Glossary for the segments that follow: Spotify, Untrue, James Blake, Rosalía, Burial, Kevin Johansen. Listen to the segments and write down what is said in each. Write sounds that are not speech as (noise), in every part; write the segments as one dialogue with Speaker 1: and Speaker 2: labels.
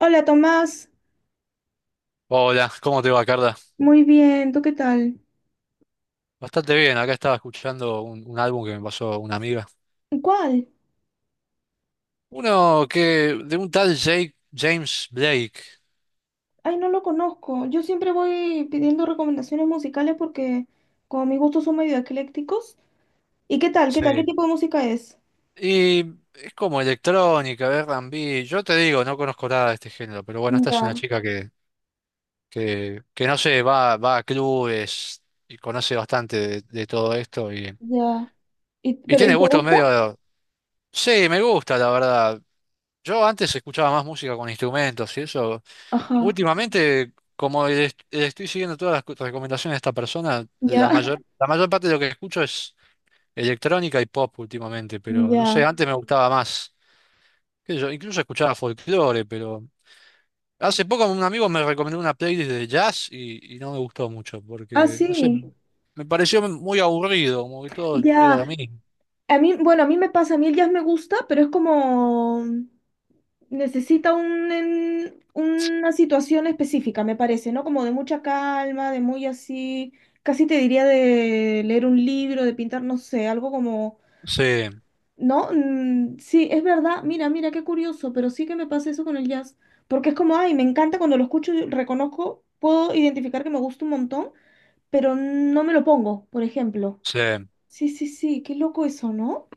Speaker 1: Hola Tomás,
Speaker 2: Hola, ¿cómo te va, Carla?
Speaker 1: muy bien, ¿tú qué tal?
Speaker 2: Bastante bien, acá estaba escuchando un álbum que me pasó una amiga.
Speaker 1: ¿Cuál?
Speaker 2: Uno que, de un tal James Blake.
Speaker 1: Ay, no lo conozco. Yo siempre voy pidiendo recomendaciones musicales porque como mis gustos son medio eclécticos. ¿Y qué tal? ¿Qué
Speaker 2: Sí.
Speaker 1: tipo de música es?
Speaker 2: Y es como electrónica, R&B. Yo te digo, no conozco nada de este género, pero bueno, esta es una
Speaker 1: Ya,
Speaker 2: chica que no sé, va a clubes y conoce bastante de todo esto
Speaker 1: ya. ¿Y,
Speaker 2: y
Speaker 1: pero ¿y
Speaker 2: tiene
Speaker 1: te
Speaker 2: gustos
Speaker 1: gusta?
Speaker 2: medio... Sí, me gusta, la verdad. Yo antes escuchaba más música con instrumentos y eso.
Speaker 1: Ajá.
Speaker 2: Últimamente, como estoy siguiendo todas las recomendaciones de esta persona,
Speaker 1: Ya, (laughs)
Speaker 2: la mayor parte de lo que escucho es electrónica y pop últimamente, pero no
Speaker 1: ya.
Speaker 2: sé, antes me gustaba más. Qué sé yo, incluso escuchaba folclore, pero hace poco un amigo me recomendó una playlist de jazz y no me gustó mucho,
Speaker 1: Ah,
Speaker 2: porque, no sé,
Speaker 1: sí.
Speaker 2: me pareció muy aburrido, como que todo era
Speaker 1: Ya.
Speaker 2: lo mismo.
Speaker 1: A mí, bueno, a mí me pasa, a mí el jazz me gusta, pero es como necesita un, una situación específica, me parece, ¿no? Como de mucha calma, de muy así, casi te diría de leer un libro, de pintar, no sé, algo como,
Speaker 2: Sí,
Speaker 1: ¿no? Sí, es verdad, mira, qué curioso, pero sí que me pasa eso con el jazz, porque es como, ay, me encanta cuando lo escucho, y reconozco, puedo identificar que me gusta un montón, pero no me lo pongo, por ejemplo.
Speaker 2: sí.
Speaker 1: Sí, sí, sí, qué loco eso, ¿no?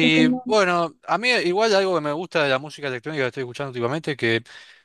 Speaker 1: Lo que más...
Speaker 2: bueno, a mí igual algo que me gusta de la música electrónica que estoy escuchando últimamente, que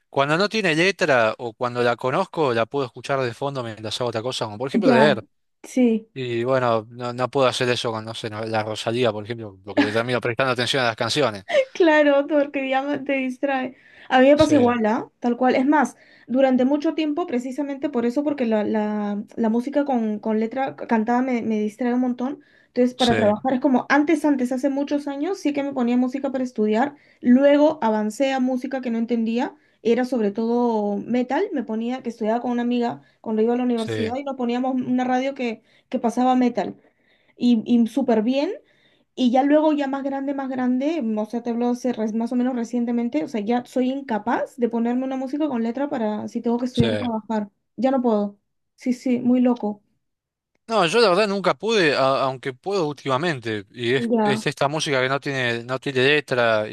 Speaker 2: cuando no tiene letra o cuando la conozco, la puedo escuchar de fondo mientras hago otra cosa, como por ejemplo
Speaker 1: Ya,
Speaker 2: leer.
Speaker 1: sí.
Speaker 2: Y bueno, no puedo hacer eso con, no sé, la Rosalía, por ejemplo, porque le termino prestando atención a las canciones.
Speaker 1: Claro, porque ya no te distrae. A mí me pasa
Speaker 2: Sí,
Speaker 1: igual, ¿ah? Tal cual. Es más, durante mucho tiempo, precisamente por eso, porque la música con letra cantada me distrae un montón. Entonces,
Speaker 2: sí,
Speaker 1: para trabajar es como antes, hace muchos años, sí que me ponía música para estudiar. Luego avancé a música que no entendía. Era sobre todo metal. Me ponía, que estudiaba con una amiga cuando iba a la
Speaker 2: sí,
Speaker 1: universidad y nos poníamos una radio que pasaba metal. Y súper bien. Y ya luego, ya más grande, o sea, te hablo hace más o menos recientemente, o sea, ya soy incapaz de ponerme una música con letra para si tengo que
Speaker 2: sí.
Speaker 1: estudiar, trabajar. Ya no puedo. Sí, sí, muy loco.
Speaker 2: No, yo la verdad nunca pude, aunque puedo últimamente, y
Speaker 1: Ya,
Speaker 2: es esta música que no tiene, no tiene letra.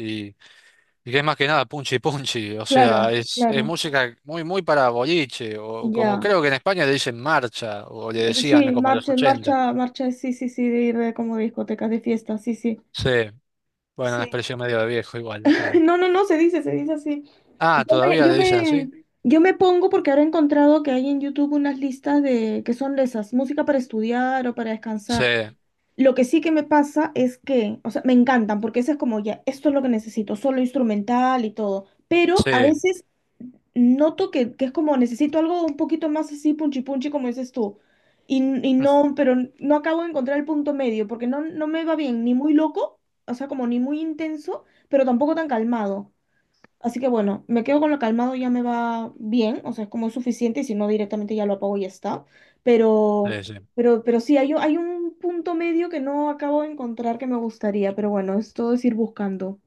Speaker 2: Y que es más que nada punchi punchi, o sea,
Speaker 1: claro,
Speaker 2: es
Speaker 1: claro,
Speaker 2: música muy para boliche, o como
Speaker 1: ya.
Speaker 2: creo que en España le dicen marcha, o le decían
Speaker 1: Sí,
Speaker 2: como en los
Speaker 1: marcha,
Speaker 2: 80.
Speaker 1: marcha, marcha, sí, sí, sí, de ir de como discotecas de fiesta, sí, sí,
Speaker 2: Sí, bueno, una
Speaker 1: sí.
Speaker 2: expresión medio de viejo igual.
Speaker 1: (laughs) No, no, no, se dice así.
Speaker 2: Ah,
Speaker 1: Yo me,
Speaker 2: ¿todavía
Speaker 1: yo
Speaker 2: le dicen
Speaker 1: me,
Speaker 2: así?
Speaker 1: yo me pongo porque ahora he encontrado que hay en YouTube unas listas de que son de esas, música para estudiar o para
Speaker 2: Sí,
Speaker 1: descansar. Lo que sí que me pasa es que, o sea, me encantan, porque eso es como ya, esto es lo que necesito, solo instrumental y todo. Pero a
Speaker 2: sí,
Speaker 1: veces noto que es como necesito algo un poquito más así, punchi punchi, como dices tú. Y, y
Speaker 2: mm,
Speaker 1: no, pero no acabo de encontrar el punto medio, porque no, no me va bien, ni muy loco, o sea, como ni muy intenso, pero tampoco tan calmado. Así que bueno, me quedo con lo calmado, ya me va bien, o sea, es como es suficiente, y si no directamente ya lo apago y ya está. Pero,
Speaker 2: sí, sí.
Speaker 1: pero sí, hay, hay un punto medio que no acabo de encontrar que me gustaría, pero bueno, es todo es ir buscando.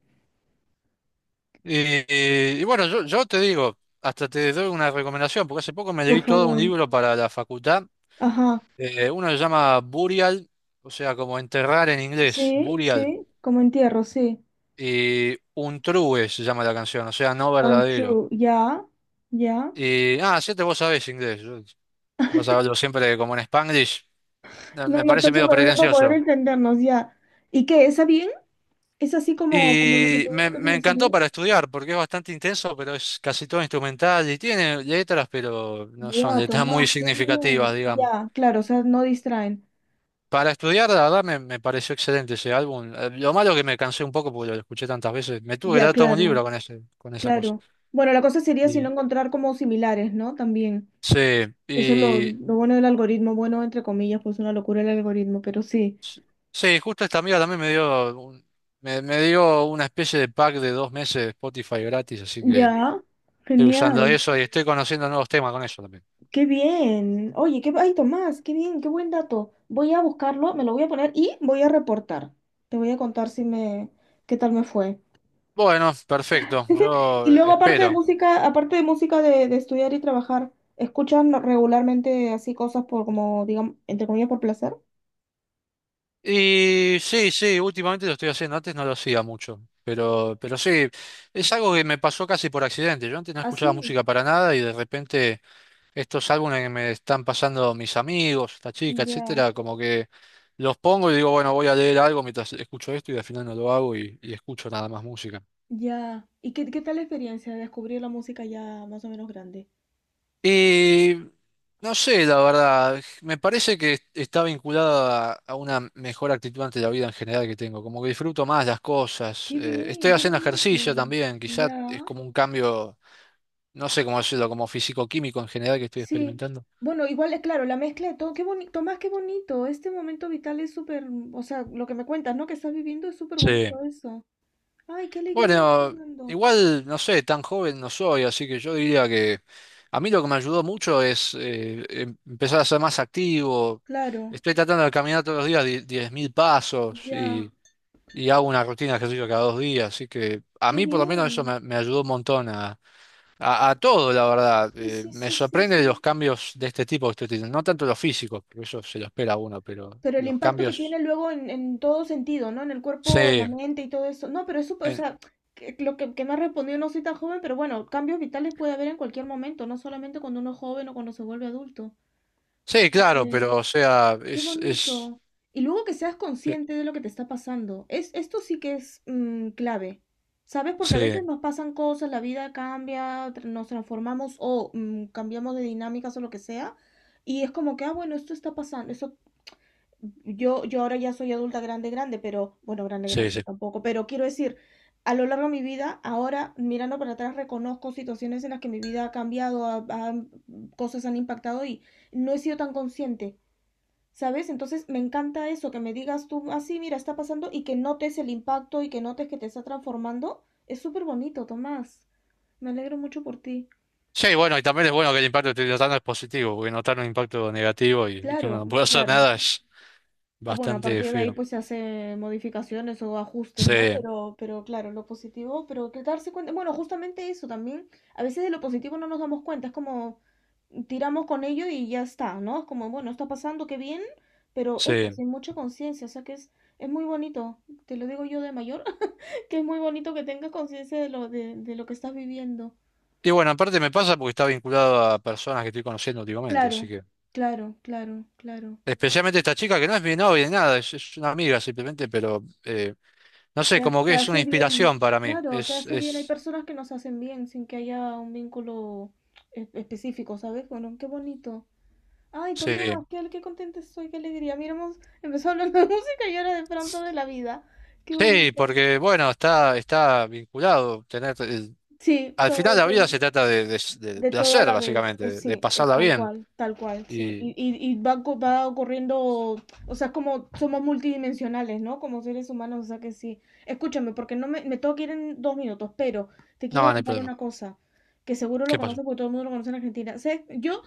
Speaker 2: Y, y bueno, yo te digo, hasta te doy una recomendación, porque hace poco me
Speaker 1: Por
Speaker 2: leí todo un
Speaker 1: favor.
Speaker 2: libro para la facultad,
Speaker 1: Ajá.
Speaker 2: uno se llama Burial, o sea, como enterrar en inglés,
Speaker 1: Sí,
Speaker 2: Burial.
Speaker 1: sí, como entierro, sí.
Speaker 2: Y Untrue se llama la canción, o sea, no verdadero.
Speaker 1: Untrue, ya, ya.
Speaker 2: Y, siete vos sabés inglés. Vas a hablo siempre como en Spanglish.
Speaker 1: No,
Speaker 2: Me
Speaker 1: no está
Speaker 2: parece medio
Speaker 1: súper bien para poder
Speaker 2: pretencioso.
Speaker 1: entendernos, ya. ¿Y qué? ¿Esa bien? ¿Es así como, como lo que te digo que te
Speaker 2: Me encantó
Speaker 1: gustaría?
Speaker 2: para estudiar porque es bastante intenso, pero es casi todo instrumental y tiene letras, pero no son
Speaker 1: Guau,
Speaker 2: letras muy
Speaker 1: Tomás, qué
Speaker 2: significativas,
Speaker 1: bien.
Speaker 2: digamos.
Speaker 1: Ya, claro, o sea, no distraen.
Speaker 2: Para estudiar, la verdad, me pareció excelente ese álbum. Lo malo que me cansé un poco porque lo escuché tantas veces. Me tuve que
Speaker 1: Ya,
Speaker 2: dar todo un
Speaker 1: claro,
Speaker 2: libro con con esa cosa.
Speaker 1: claro. Bueno, la cosa sería si no
Speaker 2: Y-
Speaker 1: encontrar como similares, ¿no? También,
Speaker 2: Sí,
Speaker 1: que eso es
Speaker 2: y,
Speaker 1: lo bueno del algoritmo, bueno, entre comillas, pues una locura el algoritmo, pero sí.
Speaker 2: Sí, justo esta amiga también me dio una especie de pack de 2 meses de Spotify gratis, así que
Speaker 1: Ya,
Speaker 2: estoy usando
Speaker 1: genial.
Speaker 2: eso y estoy conociendo nuevos temas con eso también.
Speaker 1: Qué bien. Oye, qué, ay, Tomás, qué bien, qué buen dato. Voy a buscarlo, me lo voy a poner y voy a reportar. Te voy a contar si me, qué tal me fue.
Speaker 2: Bueno, perfecto,
Speaker 1: (laughs)
Speaker 2: yo
Speaker 1: Y luego, aparte de
Speaker 2: espero.
Speaker 1: música, de estudiar y trabajar, ¿escuchan regularmente así cosas por como, digamos, entre comillas, por placer?
Speaker 2: Y sí, sí, últimamente lo estoy haciendo, antes no lo hacía mucho, pero sí, es algo que me pasó casi por accidente. Yo antes no escuchaba
Speaker 1: Así.
Speaker 2: música para nada y de repente estos álbumes que me están pasando mis amigos, esta chica,
Speaker 1: Ya,
Speaker 2: etcétera, como que los pongo y digo, bueno, voy a leer algo mientras escucho esto y al final no lo hago y escucho nada más música.
Speaker 1: ya. ¿Y qué, qué tal la experiencia de descubrir la música ya más o menos grande?
Speaker 2: Y no sé, la verdad, me parece que está vinculada a una mejor actitud ante la vida en general que tengo, como que disfruto más las cosas,
Speaker 1: Qué bien,
Speaker 2: estoy
Speaker 1: qué
Speaker 2: haciendo
Speaker 1: bonito.
Speaker 2: ejercicio también, quizás es
Speaker 1: Ya,
Speaker 2: como un cambio, no sé cómo decirlo, como físico-químico en general que estoy
Speaker 1: sí.
Speaker 2: experimentando.
Speaker 1: Bueno, igual es claro, la mezcla de todo, qué bonito, más qué bonito. Este momento vital es súper, o sea, lo que me cuentas, ¿no? Que estás viviendo es súper
Speaker 2: Sí.
Speaker 1: bonito eso. Ay, qué alegría,
Speaker 2: Bueno,
Speaker 1: Fernando.
Speaker 2: igual, no sé, tan joven no soy, así que yo diría que a mí lo que me ayudó mucho es empezar a ser más activo.
Speaker 1: Claro,
Speaker 2: Estoy tratando de caminar todos los días 10.000 pasos
Speaker 1: ya,
Speaker 2: y hago una rutina de ejercicio cada 2 días, así que a
Speaker 1: qué
Speaker 2: mí por lo menos
Speaker 1: bien.
Speaker 2: me ayudó un montón a todo, la verdad.
Speaker 1: Sí, sí,
Speaker 2: Me
Speaker 1: sí, sí,
Speaker 2: sorprende los
Speaker 1: sí.
Speaker 2: cambios de este tipo que estoy teniendo, no tanto los físicos, porque eso se lo espera a uno, pero
Speaker 1: Pero el
Speaker 2: los
Speaker 1: impacto que tiene
Speaker 2: cambios,
Speaker 1: luego en todo sentido, ¿no? En el
Speaker 2: sí,
Speaker 1: cuerpo, en la mente y todo eso. No, pero es súper, o sea, lo que me has respondido, no soy tan joven, pero bueno, cambios vitales puede haber en cualquier momento, no solamente cuando uno es joven o cuando se vuelve adulto.
Speaker 2: sí,
Speaker 1: O
Speaker 2: claro,
Speaker 1: que-
Speaker 2: pero o sea,
Speaker 1: Qué
Speaker 2: es
Speaker 1: bonito. Y luego que seas
Speaker 2: eh,
Speaker 1: consciente de lo que te está pasando. Es, esto sí que es clave. ¿Sabes? Porque a
Speaker 2: sí,
Speaker 1: veces nos pasan cosas, la vida cambia, nos transformamos o cambiamos de dinámicas o lo que sea. Y es como que, ah, bueno, esto está pasando, yo ahora ya soy adulta grande, grande, pero bueno, grande,
Speaker 2: sí,
Speaker 1: grande
Speaker 2: sí.
Speaker 1: tampoco. Pero quiero decir, a lo largo de mi vida, ahora mirando para atrás, reconozco situaciones en las que mi vida ha cambiado, cosas han impactado y no he sido tan consciente, ¿sabes? Entonces me encanta eso, que me digas tú así, mira, está pasando y que notes el impacto y que notes que te está transformando. Es súper bonito, Tomás. Me alegro mucho por ti.
Speaker 2: Sí, bueno, y también es bueno que el impacto que estoy notando es positivo, porque notar un impacto negativo y que uno
Speaker 1: Claro,
Speaker 2: no puede hacer
Speaker 1: claro.
Speaker 2: nada es
Speaker 1: Ah, bueno, a
Speaker 2: bastante
Speaker 1: partir de ahí
Speaker 2: feo.
Speaker 1: pues se hace modificaciones o ajustes, ¿no?
Speaker 2: Sí,
Speaker 1: Pero claro, lo positivo, pero que darse cuenta, bueno, justamente eso también, a veces de lo positivo no nos damos cuenta, es como tiramos con ello y ya está, ¿no? Es como, bueno, está pasando, qué bien, pero eso,
Speaker 2: sí.
Speaker 1: sin mucha conciencia, o sea que es muy bonito, te lo digo yo de mayor, (laughs) que es muy bonito que tengas conciencia de lo que estás viviendo.
Speaker 2: Y bueno, aparte me pasa porque está vinculado a personas que estoy conociendo últimamente, así
Speaker 1: Claro,
Speaker 2: que...
Speaker 1: claro, claro, claro.
Speaker 2: Especialmente esta chica que no es mi novia ni nada, es una amiga simplemente, pero no
Speaker 1: Te,
Speaker 2: sé, como
Speaker 1: te
Speaker 2: que es una
Speaker 1: hace bien,
Speaker 2: inspiración para mí.
Speaker 1: claro, te hace bien. Hay personas que nos hacen bien sin que haya un vínculo específico, ¿sabes? Bueno, qué bonito. Ay, Tomás,
Speaker 2: Sí.
Speaker 1: qué, qué contenta estoy, qué alegría. Mira, hemos empezado (laughs) hablando de música y ahora de pronto de la vida. Qué
Speaker 2: Sí,
Speaker 1: bonito.
Speaker 2: porque bueno, está vinculado tener...
Speaker 1: Sí,
Speaker 2: al final
Speaker 1: todo,
Speaker 2: la vida
Speaker 1: todo.
Speaker 2: se trata de
Speaker 1: De todo a
Speaker 2: placer,
Speaker 1: la vez,
Speaker 2: básicamente, de
Speaker 1: sí, es
Speaker 2: pasarla bien.
Speaker 1: tal cual, sí.
Speaker 2: Y...
Speaker 1: Y va, va ocurriendo, o sea, como somos multidimensionales, ¿no? Como seres humanos, o sea que sí. Escúchame, porque no me, me tengo que ir en dos minutos, pero te
Speaker 2: No,
Speaker 1: quiero
Speaker 2: no hay
Speaker 1: contar
Speaker 2: problema.
Speaker 1: una cosa, que seguro lo
Speaker 2: ¿Qué pasó?
Speaker 1: conoces porque todo el mundo lo conoce en Argentina. ¿Sabes? Yo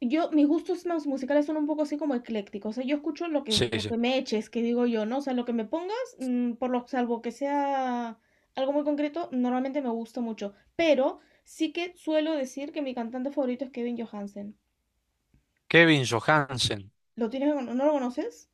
Speaker 1: yo mis gustos más musicales son un poco así como eclécticos, o sea, yo escucho
Speaker 2: Sí,
Speaker 1: lo que
Speaker 2: sí.
Speaker 1: me eches, que digo yo, ¿no? O sea, lo que me pongas, por lo salvo que sea algo muy concreto, normalmente me gusta mucho, pero sí que suelo decir que mi cantante favorito es Kevin Johansen.
Speaker 2: Kevin Johansen.
Speaker 1: ¿Lo tienes, no lo conoces?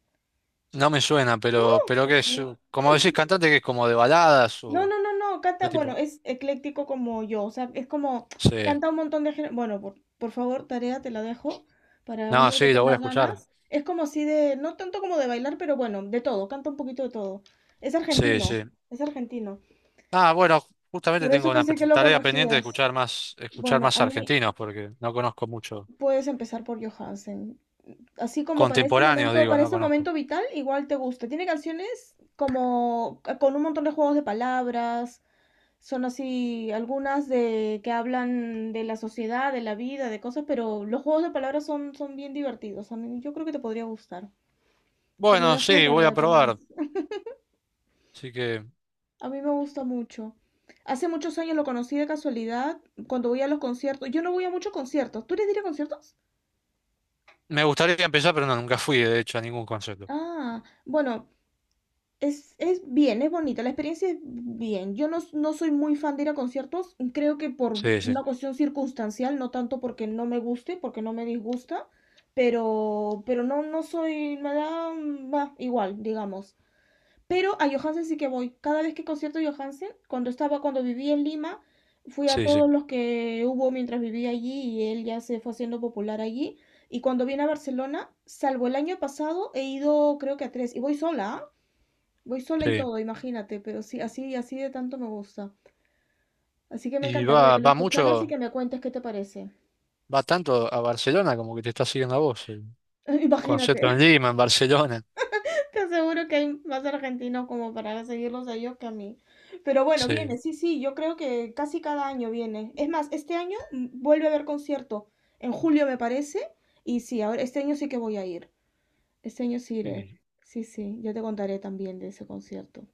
Speaker 2: No me suena,
Speaker 1: ¡Ah!
Speaker 2: pero
Speaker 1: Por
Speaker 2: que es,
Speaker 1: favor.
Speaker 2: como decís, cantante que es como de baladas
Speaker 1: No,
Speaker 2: o
Speaker 1: no, no, no, canta,
Speaker 2: qué
Speaker 1: bueno,
Speaker 2: tipo.
Speaker 1: es ecléctico como yo, o sea, es como
Speaker 2: Sí.
Speaker 1: canta un montón de géneros. Bueno, por favor, tarea te la dejo para un
Speaker 2: No,
Speaker 1: día que
Speaker 2: sí, lo voy a
Speaker 1: tengas
Speaker 2: escuchar.
Speaker 1: ganas. Es como así de, no tanto como de bailar, pero bueno, de todo, canta un poquito de todo. Es
Speaker 2: Sí,
Speaker 1: argentino,
Speaker 2: sí.
Speaker 1: es argentino.
Speaker 2: Ah, bueno, justamente
Speaker 1: Por eso
Speaker 2: tengo una
Speaker 1: pensé que lo
Speaker 2: tarea pendiente de
Speaker 1: conocías.
Speaker 2: escuchar
Speaker 1: Bueno,
Speaker 2: más
Speaker 1: a mí
Speaker 2: argentinos, porque no conozco mucho.
Speaker 1: puedes empezar por Johansen. Así como para
Speaker 2: Contemporáneos, digo,
Speaker 1: para
Speaker 2: no
Speaker 1: este
Speaker 2: conozco.
Speaker 1: momento vital, igual te gusta. Tiene canciones como con un montón de juegos de palabras son así algunas de que hablan de la sociedad, de la vida, de cosas, pero los juegos de palabras son, son bien divertidos. Yo creo que te podría gustar. Te lo
Speaker 2: Bueno,
Speaker 1: dejo de
Speaker 2: sí, voy a
Speaker 1: tarea, Tomás.
Speaker 2: probar. Así que
Speaker 1: A mí me gusta mucho. Hace muchos años lo conocí de casualidad cuando voy a los conciertos. Yo no voy a muchos conciertos. ¿Tú eres de ir a conciertos?
Speaker 2: me gustaría empezar, pero no, nunca fui, de hecho, a ningún concierto.
Speaker 1: Ah, bueno, es bien, es bonita, la experiencia es bien. Yo no, no soy muy fan de ir a conciertos, creo que por
Speaker 2: Sí, sí,
Speaker 1: una cuestión circunstancial, no tanto porque no me guste, porque no me disgusta, pero no, no soy, me da, bah, igual, digamos. Pero a Johansen sí que voy. Cada vez que concierto de Johansen, cuando estaba, cuando vivía en Lima, fui a
Speaker 2: sí, sí,
Speaker 1: todos los que hubo mientras vivía allí y él ya se fue haciendo popular allí. Y cuando vine a Barcelona, salvo el año pasado, he ido creo que a tres, y voy sola, ¿ah? Voy sola y
Speaker 2: sí.
Speaker 1: todo, imagínate, pero sí, así, así de tanto me gusta. Así que me
Speaker 2: ¿Y
Speaker 1: encantaría que lo
Speaker 2: va
Speaker 1: escucharas y
Speaker 2: mucho?
Speaker 1: que me cuentes qué te parece.
Speaker 2: Va tanto a Barcelona como que te está siguiendo a vos. El
Speaker 1: (laughs) Imagínate,
Speaker 2: concierto en Lima, en Barcelona.
Speaker 1: (laughs) te aseguro que hay más argentinos como para seguirlos a ellos que a mí. Pero bueno, viene,
Speaker 2: Sí.
Speaker 1: sí, sí, yo creo que casi cada año viene. Es más, este año vuelve a haber concierto, en julio me parece, y sí, ahora este año sí que voy a ir. Este año sí iré.
Speaker 2: Y,
Speaker 1: Sí, sí, yo te contaré también de ese concierto.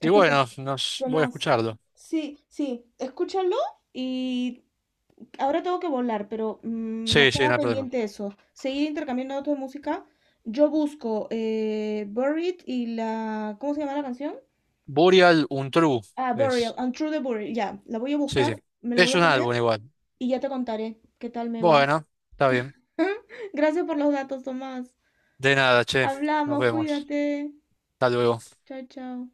Speaker 2: bueno, nos,
Speaker 1: ¿qué
Speaker 2: voy a
Speaker 1: más?
Speaker 2: escucharlo.
Speaker 1: Sí, sí, escúchalo y ahora tengo que volar, pero nos
Speaker 2: Sí, sí, no
Speaker 1: queda
Speaker 2: hay problema.
Speaker 1: pendiente eso. Seguir intercambiando datos de música. Yo busco Buried y la... ¿Cómo se llama la canción?
Speaker 2: Burial Untrue
Speaker 1: Ah, Burial,
Speaker 2: es.
Speaker 1: Untrue the Burial. Ya, la voy a
Speaker 2: Sí, sí.
Speaker 1: buscar, me la voy
Speaker 2: Es
Speaker 1: a
Speaker 2: un álbum
Speaker 1: poner
Speaker 2: igual.
Speaker 1: y ya te contaré qué tal me va.
Speaker 2: Bueno, está bien.
Speaker 1: (laughs) Gracias por los datos, Tomás.
Speaker 2: De nada, che. Nos
Speaker 1: Hablamos,
Speaker 2: vemos.
Speaker 1: cuídate.
Speaker 2: Hasta luego.
Speaker 1: Chao, chao.